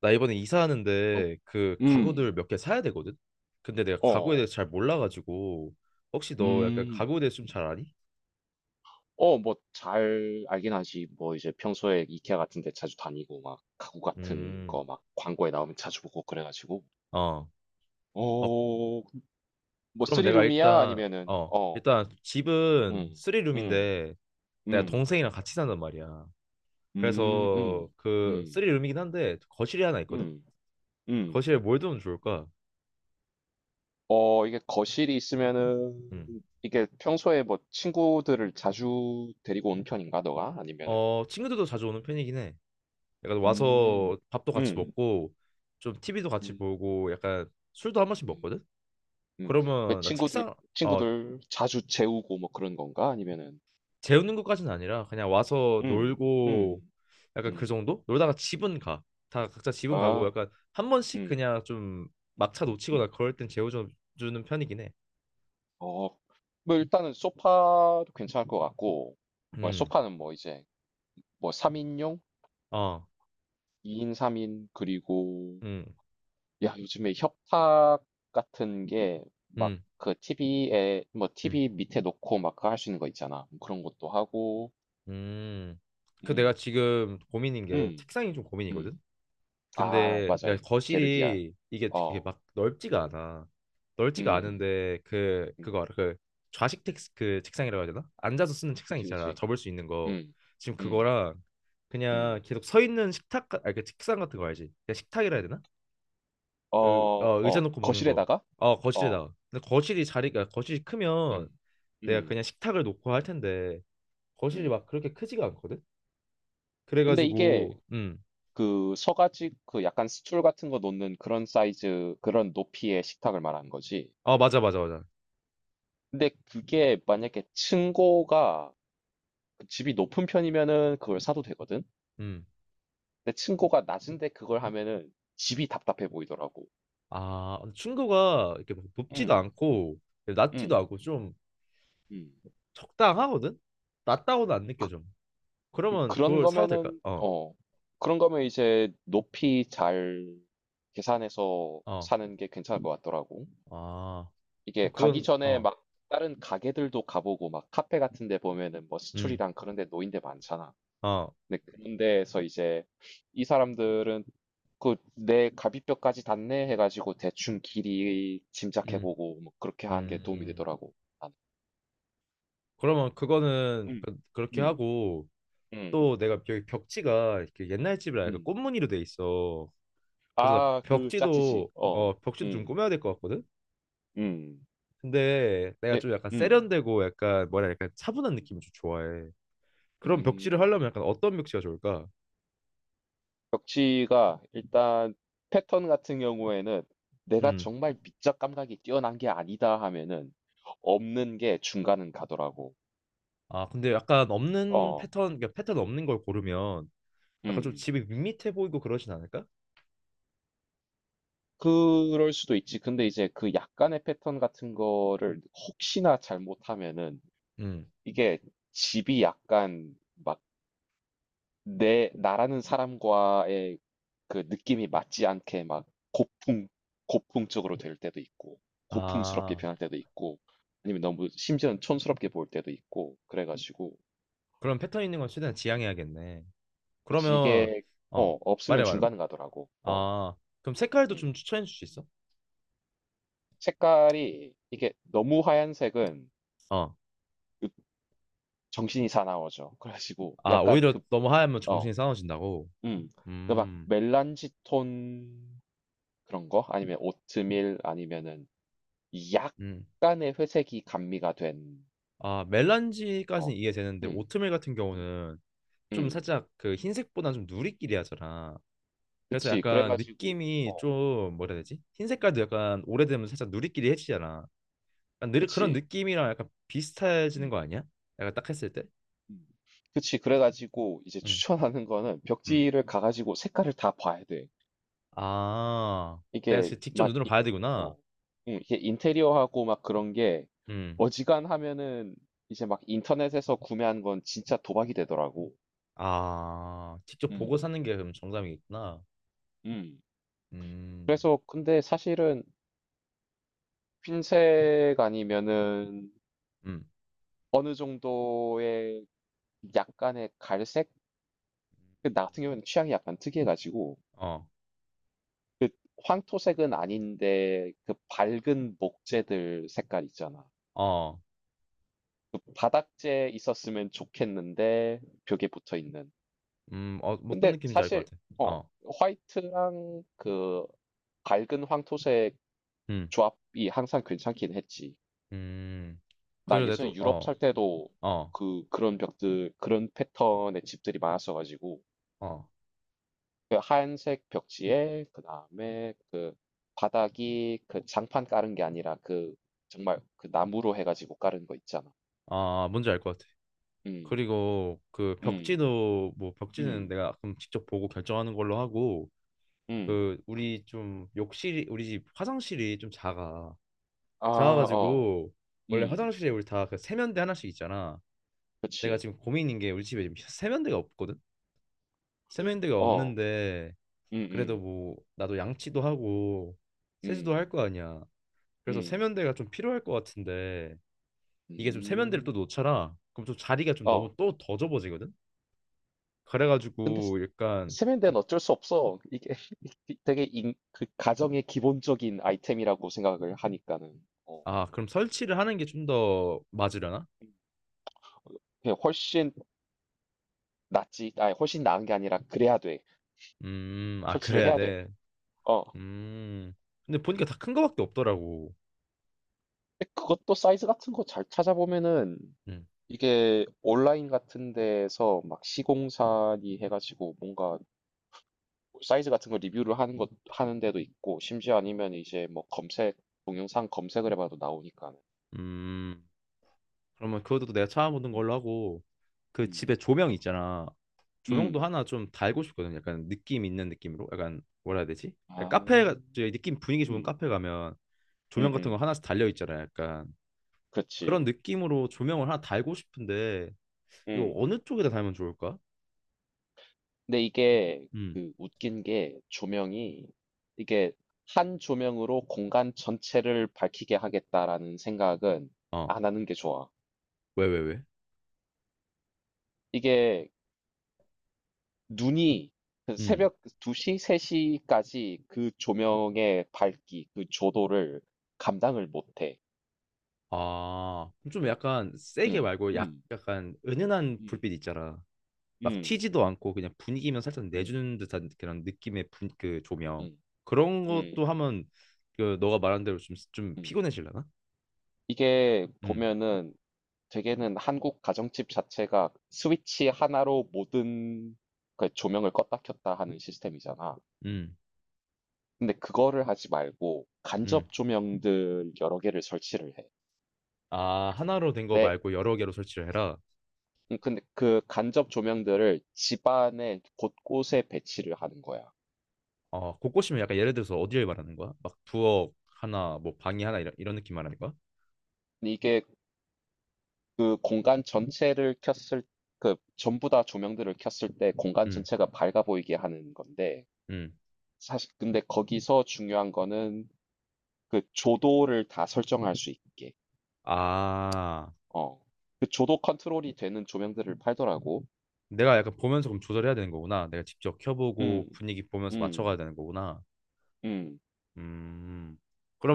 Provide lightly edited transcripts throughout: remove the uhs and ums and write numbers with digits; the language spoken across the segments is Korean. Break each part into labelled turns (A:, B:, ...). A: 나 이번에
B: 어.
A: 이사하는데 그
B: 음.
A: 가구들 몇 개 사야 되거든? 근데 내가 가구에
B: 어.
A: 대해서 잘 몰라가지고 혹시 너 약간
B: 음.
A: 가구에 대해서 좀 잘 아니?
B: 어, 뭐 잘 알긴 하지. 뭐 이제 평소에 이케아 같은 데 자주 다니고 막 가구 같은
A: 음,
B: 거 막 광고에 나오면 자주 보고 그래 가지고
A: 어. 어,
B: 어, 뭐
A: 그러면
B: 쓰리
A: 내가
B: 룸이야?
A: 일단
B: 아니면은 어.
A: 일단 집은
B: 음. 음.
A: 쓰리룸인데 내가
B: 음.
A: 동생이랑 같이 산단 말이야.
B: 음.
A: 그래서
B: 음. 음.
A: 그쓰리룸이긴 한데 거실이 하나 있거든?
B: 음. 음.
A: 거실에 뭘 두면 좋을까?
B: 어, 이게 거실이 있으면은
A: 음.
B: 이게 평소에 뭐 친구들을 자주 데리고 온 편인가 너가? 아니면은.
A: 어, 친구들도 자주 오는 편이긴 해. 약간
B: 음.
A: 와서 밥도 같이
B: 음.
A: 먹고 좀 TV도 같이
B: 음.
A: 보고 약간 술도 한 번씩
B: 음.
A: 먹거든?
B: 음. 왜
A: 그러면 나
B: 친구들
A: 책상 어
B: 자주 재우고 뭐 그런 건가? 아니면은.
A: 재우는 것까지는 아니라 그냥 와서
B: 음.
A: 놀고
B: 음.
A: 약간 그
B: 음.
A: 정도? 놀다가 집은 가. 다 각자 집은 가고
B: 아.
A: 약간 한 번씩
B: 음.
A: 그냥 좀 막차
B: 음.
A: 놓치거나 그럴 땐 재워주는 편이긴 해.
B: 어. 뭐 일단은 소파도 괜찮을 것 같고. 뭐
A: 음.
B: 소파는 뭐 이제 뭐 3인용,
A: 어.
B: 2인, 3인 그리고,
A: 음.
B: 야, 요즘에 협탁 같은 게 막
A: 음.
B: 그 TV에, 뭐
A: 음.
B: 티비 밑에 놓고 막 그 할수 있는 거 있잖아. 뭐 그런 것도 하고.
A: 음. 그 내가
B: 음.
A: 지금 고민인 게
B: 음.
A: 책상이 좀 고민이거든.
B: 음. 아,
A: 근데
B: 맞아요.
A: 그러니까
B: 게르기아.
A: 거실이 이게 되게
B: 어.
A: 막 넓지가 않아. 넓지가
B: 음.
A: 않은데 그
B: 음.
A: 그거 알아? 그 좌식 텍스 그 책상이라고 해야 되나? 앉아서 쓰는 책상
B: 그치,
A: 있잖아.
B: 그치.
A: 접을 수 있는 거.
B: 음.
A: 지금
B: 음.
A: 그거랑 그냥
B: 음.
A: 계속 서 있는 아니 그 책상 같은 거 알지? 그냥 식탁이라 해야 되나? 그
B: 어,
A: 어, 의자
B: 어.
A: 놓고 먹는 거.
B: 거실에다가?
A: 어
B: 어.
A: 거실에다가. 근데 거실이 크면
B: 음.
A: 내가 그냥
B: 음.
A: 식탁을 놓고 할 텐데 거실이
B: 음.
A: 막 그렇게 크지가 않거든.
B: 근데 이게
A: 그래가지고
B: 그 서 가지 그 약간 스툴 같은 거 놓는 그런 사이즈, 그런 높이의 식탁을 말하는 거지.
A: 어 맞아, 맞아, 맞아.
B: 근데 그게 만약에 층고가 그 집이 높은 편이면은 그걸 사도 되거든.
A: 음.
B: 근데 층고가 낮은데 그걸 하면은 집이 답답해 보이더라고.
A: 아, 충고가 이렇게 막 높지도
B: 음.
A: 않고 낮지도
B: 음.
A: 않고 좀
B: 음.
A: 적당하거든? 낮다고는 안 느껴져.
B: 그
A: 그러면
B: 그런
A: 그걸 사도 될까?
B: 거면은 어, 그런 거면 이제 높이 잘 계산해서
A: 어,
B: 사는 게 괜찮을 것 같더라고.
A: 아,
B: 이게
A: 그럼
B: 가기
A: 그건
B: 전에 막 다른 가게들도 가보고 막 카페 같은 데 보면은 뭐
A: 음,
B: 스툴이랑 그런 데 노인 데 많잖아.
A: 어,
B: 근데 그런 데에서 이제 이 사람들은 그 내 갈비뼈까지 닿네 해가지고 대충 길이
A: 음,
B: 짐작해보고 뭐 그렇게 하는 게 도움이
A: 음.
B: 되더라고. 나는.
A: 그러면
B: 음.
A: 그렇게
B: 음.
A: 하고
B: 음.
A: 또 내가 여기 벽지가 이렇게 옛날 집이라 약간
B: 음.
A: 꽃무늬로 돼 있어. 그래서 나
B: 아, 그 짜치지. 어.
A: 벽지도 좀
B: 음.
A: 꾸며야 될 것 같거든?
B: 음.
A: 근데 내가
B: 네.
A: 좀 약간
B: 음.
A: 세련되고 약간 뭐라 해야 약간 차분한
B: 음.
A: 느낌을 좀 좋아해. 그런 벽지를
B: 음.
A: 하려면 약간 어떤 벽지가 좋을까?
B: 벽지가 일단 패턴 같은 경우에는 내가
A: 음.
B: 정말 미적 감각이 뛰어난 게 아니다 하면은 없는 게 중간은 가더라고.
A: 아, 근데 약간 없는
B: 어.
A: 패턴, 그러니까 패턴 없는 걸 고르면 약간 좀
B: 음.
A: 집이 밋밋해 보이고 그러진 않을까?
B: 그럴 수도 있지. 근데 이제 그 약간의 패턴 같은 거를 혹시나 잘못하면은
A: 음.
B: 이게 집이 약간 막 내 나라는 사람과의 그 느낌이 맞지 않게 막 고풍 고풍적으로 될 때도 있고, 고풍스럽게
A: 아,
B: 변할 때도 있고 아니면 너무 심지어는 촌스럽게 보일 때도 있고 그래가지고.
A: 그럼 패턴 있는 건 최대한 지양해야겠네.
B: 그치,
A: 그러면
B: 이게
A: 어,
B: 어 없으면
A: 말해 말해.
B: 중간 가더라고. 어.
A: 아, 그럼 색깔도
B: 음.
A: 좀 추천해 줄 수 있어?
B: 색깔이 이게 너무 하얀색은
A: 어.
B: 그 정신이 사나워져 그래가지고
A: 아,
B: 약간
A: 오히려 너무 하얗면 정신이 싸워진다고.
B: 그어음그 막
A: 음.
B: 멜란지 톤, 그런 거 아니면 오트밀 아니면은
A: 음.
B: 약간의 회색이 감미가 된.
A: 아,
B: 어.
A: 멜란지까지는 이해되는데
B: 음.
A: 오트밀 같은
B: 음.
A: 경우는 좀
B: 음.
A: 살짝 그 흰색보다는 좀 누리끼리 하잖아. 그래서
B: 그치. 그래
A: 약간
B: 가지고. 어.
A: 느낌이 좀 뭐라 해야
B: 음.
A: 되지? 흰
B: 음.
A: 색깔도 약간 오래되면 살짝 누리끼리 해지잖아. 약간 느리, 그런
B: 그치.
A: 느낌이랑 약간 비슷해지는
B: 음.
A: 거 아니야? 약간 딱 했을 때?
B: 음. 그치. 그래 가지고 이제
A: 응,
B: 추천하는 거는
A: 응.
B: 벽지를 가 가지고 색깔을 다 봐야 돼.
A: 아, 내가
B: 이게
A: 지금 직접
B: 막
A: 눈으로
B: 이,
A: 봐야 되구나.
B: 어. 이게 인테리어하고 막 그런 게
A: 응.
B: 어지간하면은 이제 막 인터넷에서 구매한 건 진짜 도박이 되더라고.
A: 아, 직접 보고
B: 음.
A: 사는 게 그럼 정답이겠구나.
B: 음.
A: 음,
B: 그래서 근데 사실은 흰색 아니면은
A: 음,
B: 어느 정도의 약간의 갈색? 그 나 같은 경우에는 취향이 약간 특이해 가지고
A: 어,
B: 그 황토색은 아닌데 그 밝은 목재들 색깔 있잖아.
A: 어,
B: 그 바닥재 있었으면 좋겠는데 벽에 붙어 있는.
A: 뭐 어떤
B: 근데
A: 느낌인지 알 것
B: 사실
A: 같아.
B: 어,
A: 어,
B: 화이트랑 그 밝은 황토색
A: 음,
B: 조합이 항상 괜찮긴 했지.
A: 음.
B: 나
A: 그리고 내가
B: 예전에
A: 또,
B: 유럽 살 때도
A: 어,
B: 그 그런 벽들 그런 패턴의 집들이 많았어 가지고
A: 어,
B: 그 하얀색 벽지에 그다음에 그 바닥이 그 장판 깔은 게 아니라 그 정말 그 나무로 해 가지고 깔은 거 있잖아.
A: 아, 뭔지 알 것 같아.
B: 음.
A: 그리고 그
B: 음.
A: 벽지도 뭐 벽지는
B: 음.
A: 내가 그럼 직접 보고 결정하는 걸로 하고
B: 음.
A: 그 우리 좀 욕실이 우리 집 화장실이 좀 작아
B: 아, 어.
A: 작아가지고 원래
B: 음.
A: 화장실에 우리 다 그 세면대 하나씩 있잖아 내가
B: 그치.
A: 지금 고민인 게 우리 집에 지금 세면대가 없거든 세면대가
B: 어.
A: 없는데 그래도
B: 음음.
A: 뭐 나도 양치도 하고 세수도
B: 음.
A: 할 거 아니야 그래서
B: 음.
A: 세면대가 좀 필요할 것 같은데
B: 음.
A: 이게 좀 세면대를 또
B: 음.
A: 놓쳐라 그럼 좀 자리가 좀
B: 어.
A: 너무 또 더 좁아지거든
B: 근데 스,
A: 그래가지고 약간
B: 세면대는
A: 좀
B: 어쩔 수 없어. 이게 되게 인 그 가정의 기본적인 아이템이라고 생각을 하니까는. 어.
A: 아, 그럼 설치를 하는 게 좀 더 맞으려나?
B: 음. 어, 그냥 훨씬 낫지. 아, 훨씬 나은 게 아니라 그래야 돼.
A: 아,
B: 설치를
A: 그래야
B: 해야 돼.
A: 돼.
B: 어.
A: 음. 근데 보니까 다 큰 거밖에 없더라고.
B: 근데 그것도 사이즈 같은 거 잘 찾아보면은
A: 음.
B: 이게 온라인 같은 데서 막 시공사니 해가지고 뭔가 사이즈 같은 거 리뷰를 하는 것 하는 데도 있고, 심지어 아니면 이제 뭐 검색 동영상 검색을 해봐도 나오니까.
A: 음. 그러면 그것도 내가 찾아보는
B: 음.
A: 걸로 하고 그
B: 음.
A: 집에 조명 있잖아. 조명도
B: 음.
A: 하나 좀 달고 싶거든. 약간 느낌 있는 느낌으로. 약간 뭐라 해야 되지?
B: 아.
A: 약간 저기 느낌 분위기 좋은
B: 음.
A: 카페 가면
B: 음.
A: 조명 같은 거
B: 음.
A: 하나씩 달려 있잖아. 약간 그런
B: 그렇지.
A: 느낌으로 조명을 하나 달고 싶은데 이거
B: 음.
A: 어느 쪽에다 달면 좋을까?
B: 근데 이게
A: 음.
B: 그 웃긴 게 조명이 이게 한 조명으로 공간 전체를 밝히게 하겠다라는 생각은
A: 어.
B: 안 하는 게 좋아.
A: 왜, 왜, 왜?
B: 이게 눈이 그
A: 음.
B: 새벽 2시, 3시까지 그 조명의 밝기, 그 조도를 감당을 못 해.
A: 아, 좀 약간 세게
B: 음.
A: 말고 약,
B: 음.
A: 약간 은은한
B: 음.
A: 불빛 있잖아. 막
B: 음.
A: 튀지도 않고 그냥 분위기만 살짝
B: 음.
A: 내주는 듯한 그런 느낌의 분, 그 조명.
B: 음.
A: 그런 것도
B: 음.
A: 하면 그 너가 말한 대로 좀, 좀
B: 음.
A: 피곤해지려나?
B: 이게
A: 음,
B: 보면은 대개는 한국 가정집 자체가 스위치 하나로 모든 그 조명을 껐다 켰다 하는 시스템이잖아.
A: 음,
B: 근데 그거를 하지 말고
A: 음.
B: 간접 조명들 여러 개를 설치를 해.
A: 아, 하나로 된 거
B: 네.
A: 말고 여러 개로 설치를 해라.
B: 근데 그 간접 조명들을 집안의 곳곳에 배치를 하는 거야.
A: 어, 곳곳이면 약간 예를 들어서 어디를 말하는 거야? 막 부엌 하나, 뭐 방이 하나 이런, 이런 느낌 말하는 거야?
B: 근데 이게 그 공간 전체를 켰을 그 전부 다 조명들을 켰을 때 공간
A: 음,
B: 전체가 밝아 보이게 하는 건데
A: 음.
B: 사실 근데 거기서 중요한 거는 그 조도를 다 설정할 수 있게.
A: 아,
B: 어. 그 조도 컨트롤이 되는 조명들을 팔더라고.
A: 내가 약간 보면서 그럼 조절해야 되는 거구나. 내가 직접
B: 음.
A: 켜보고 분위기 보면서 맞춰가야
B: 음.
A: 되는 거구나.
B: 음.
A: 음,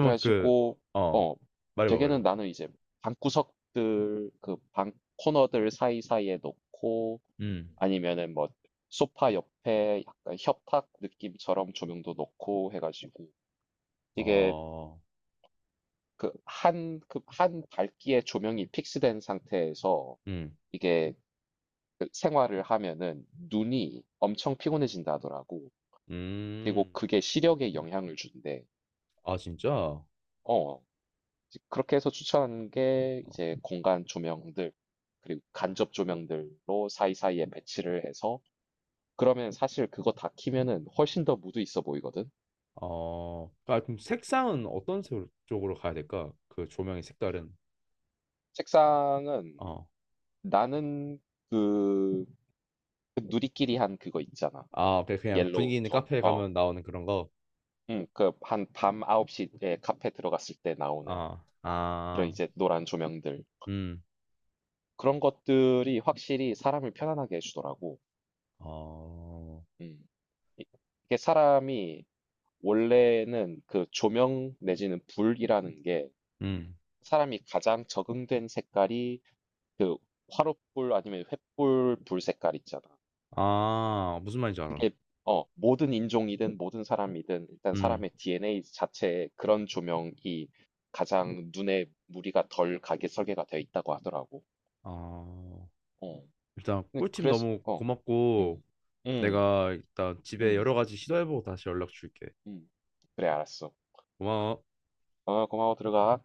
B: 그래
A: 그,
B: 가지고
A: 어,
B: 어,
A: 말해봐, 말해봐.
B: 대개는 나는 이제 방구석들 그 방 코너들 사이사이에 놓고
A: 음.
B: 아니면은 뭐 소파 옆에 약간 협탁 느낌처럼 조명도 놓고 해 가지고 이게
A: 어,
B: 그 한 한 밝기의 조명이 픽스된 상태에서
A: 음,
B: 이게 그 생활을 하면은 눈이 엄청 피곤해진다 하더라고. 그리고
A: 음,
B: 그게 시력에 영향을 준대.
A: 아, 진짜?
B: 어. 이제 그렇게 해서 추천하는 게 이제 공간 조명들 그리고 간접 조명들로 사이사이에 배치를 해서 그러면 사실 그거 다 키면은 훨씬 더 무드 있어 보이거든.
A: 어, 아, 그럼 색상은 쪽으로 가야 될까? 그 조명의 색깔은?
B: 책상은
A: 어,
B: 나는 그, 그 누리끼리 한 그거 있잖아.
A: 아, 그냥 그냥
B: 옐로우
A: 분위기 있는
B: 톤.
A: 카페에
B: 어.
A: 가면 나오는 그런 거?
B: 그, 한 밤 9시에 카페 들어갔을 때 나오는
A: 아,
B: 그런
A: 아,
B: 이제 노란 조명들.
A: 음,
B: 그런 것들이 확실히 사람을 편안하게 해 주더라고.
A: 어,
B: 음. 이 이게 사람이 원래는 그 조명 내지는 불이라는 게
A: 음,
B: 사람이 가장 적응된 색깔이 그 화롯불 아니면 횃불 불 색깔 있잖아.
A: 아, 무슨 말인지 알아.
B: 그게 어 모든 인종이든 모든 사람이든 일단
A: 음,
B: 사람의 DNA 자체에 그런 조명이 가장 눈에 무리가 덜 가게 설계가 되어 있다고 하더라고.
A: 아.
B: 어.
A: 일단
B: 근데
A: 꿀팁
B: 그래서.
A: 너무
B: 어.
A: 고맙고
B: 음. 음.
A: 내가 일단 집에
B: 음.
A: 여러 가지 시도해보고 다시 연락 줄게.
B: 음. 그래, 알았어.
A: 고마워.
B: 어, 고마워, 들어가.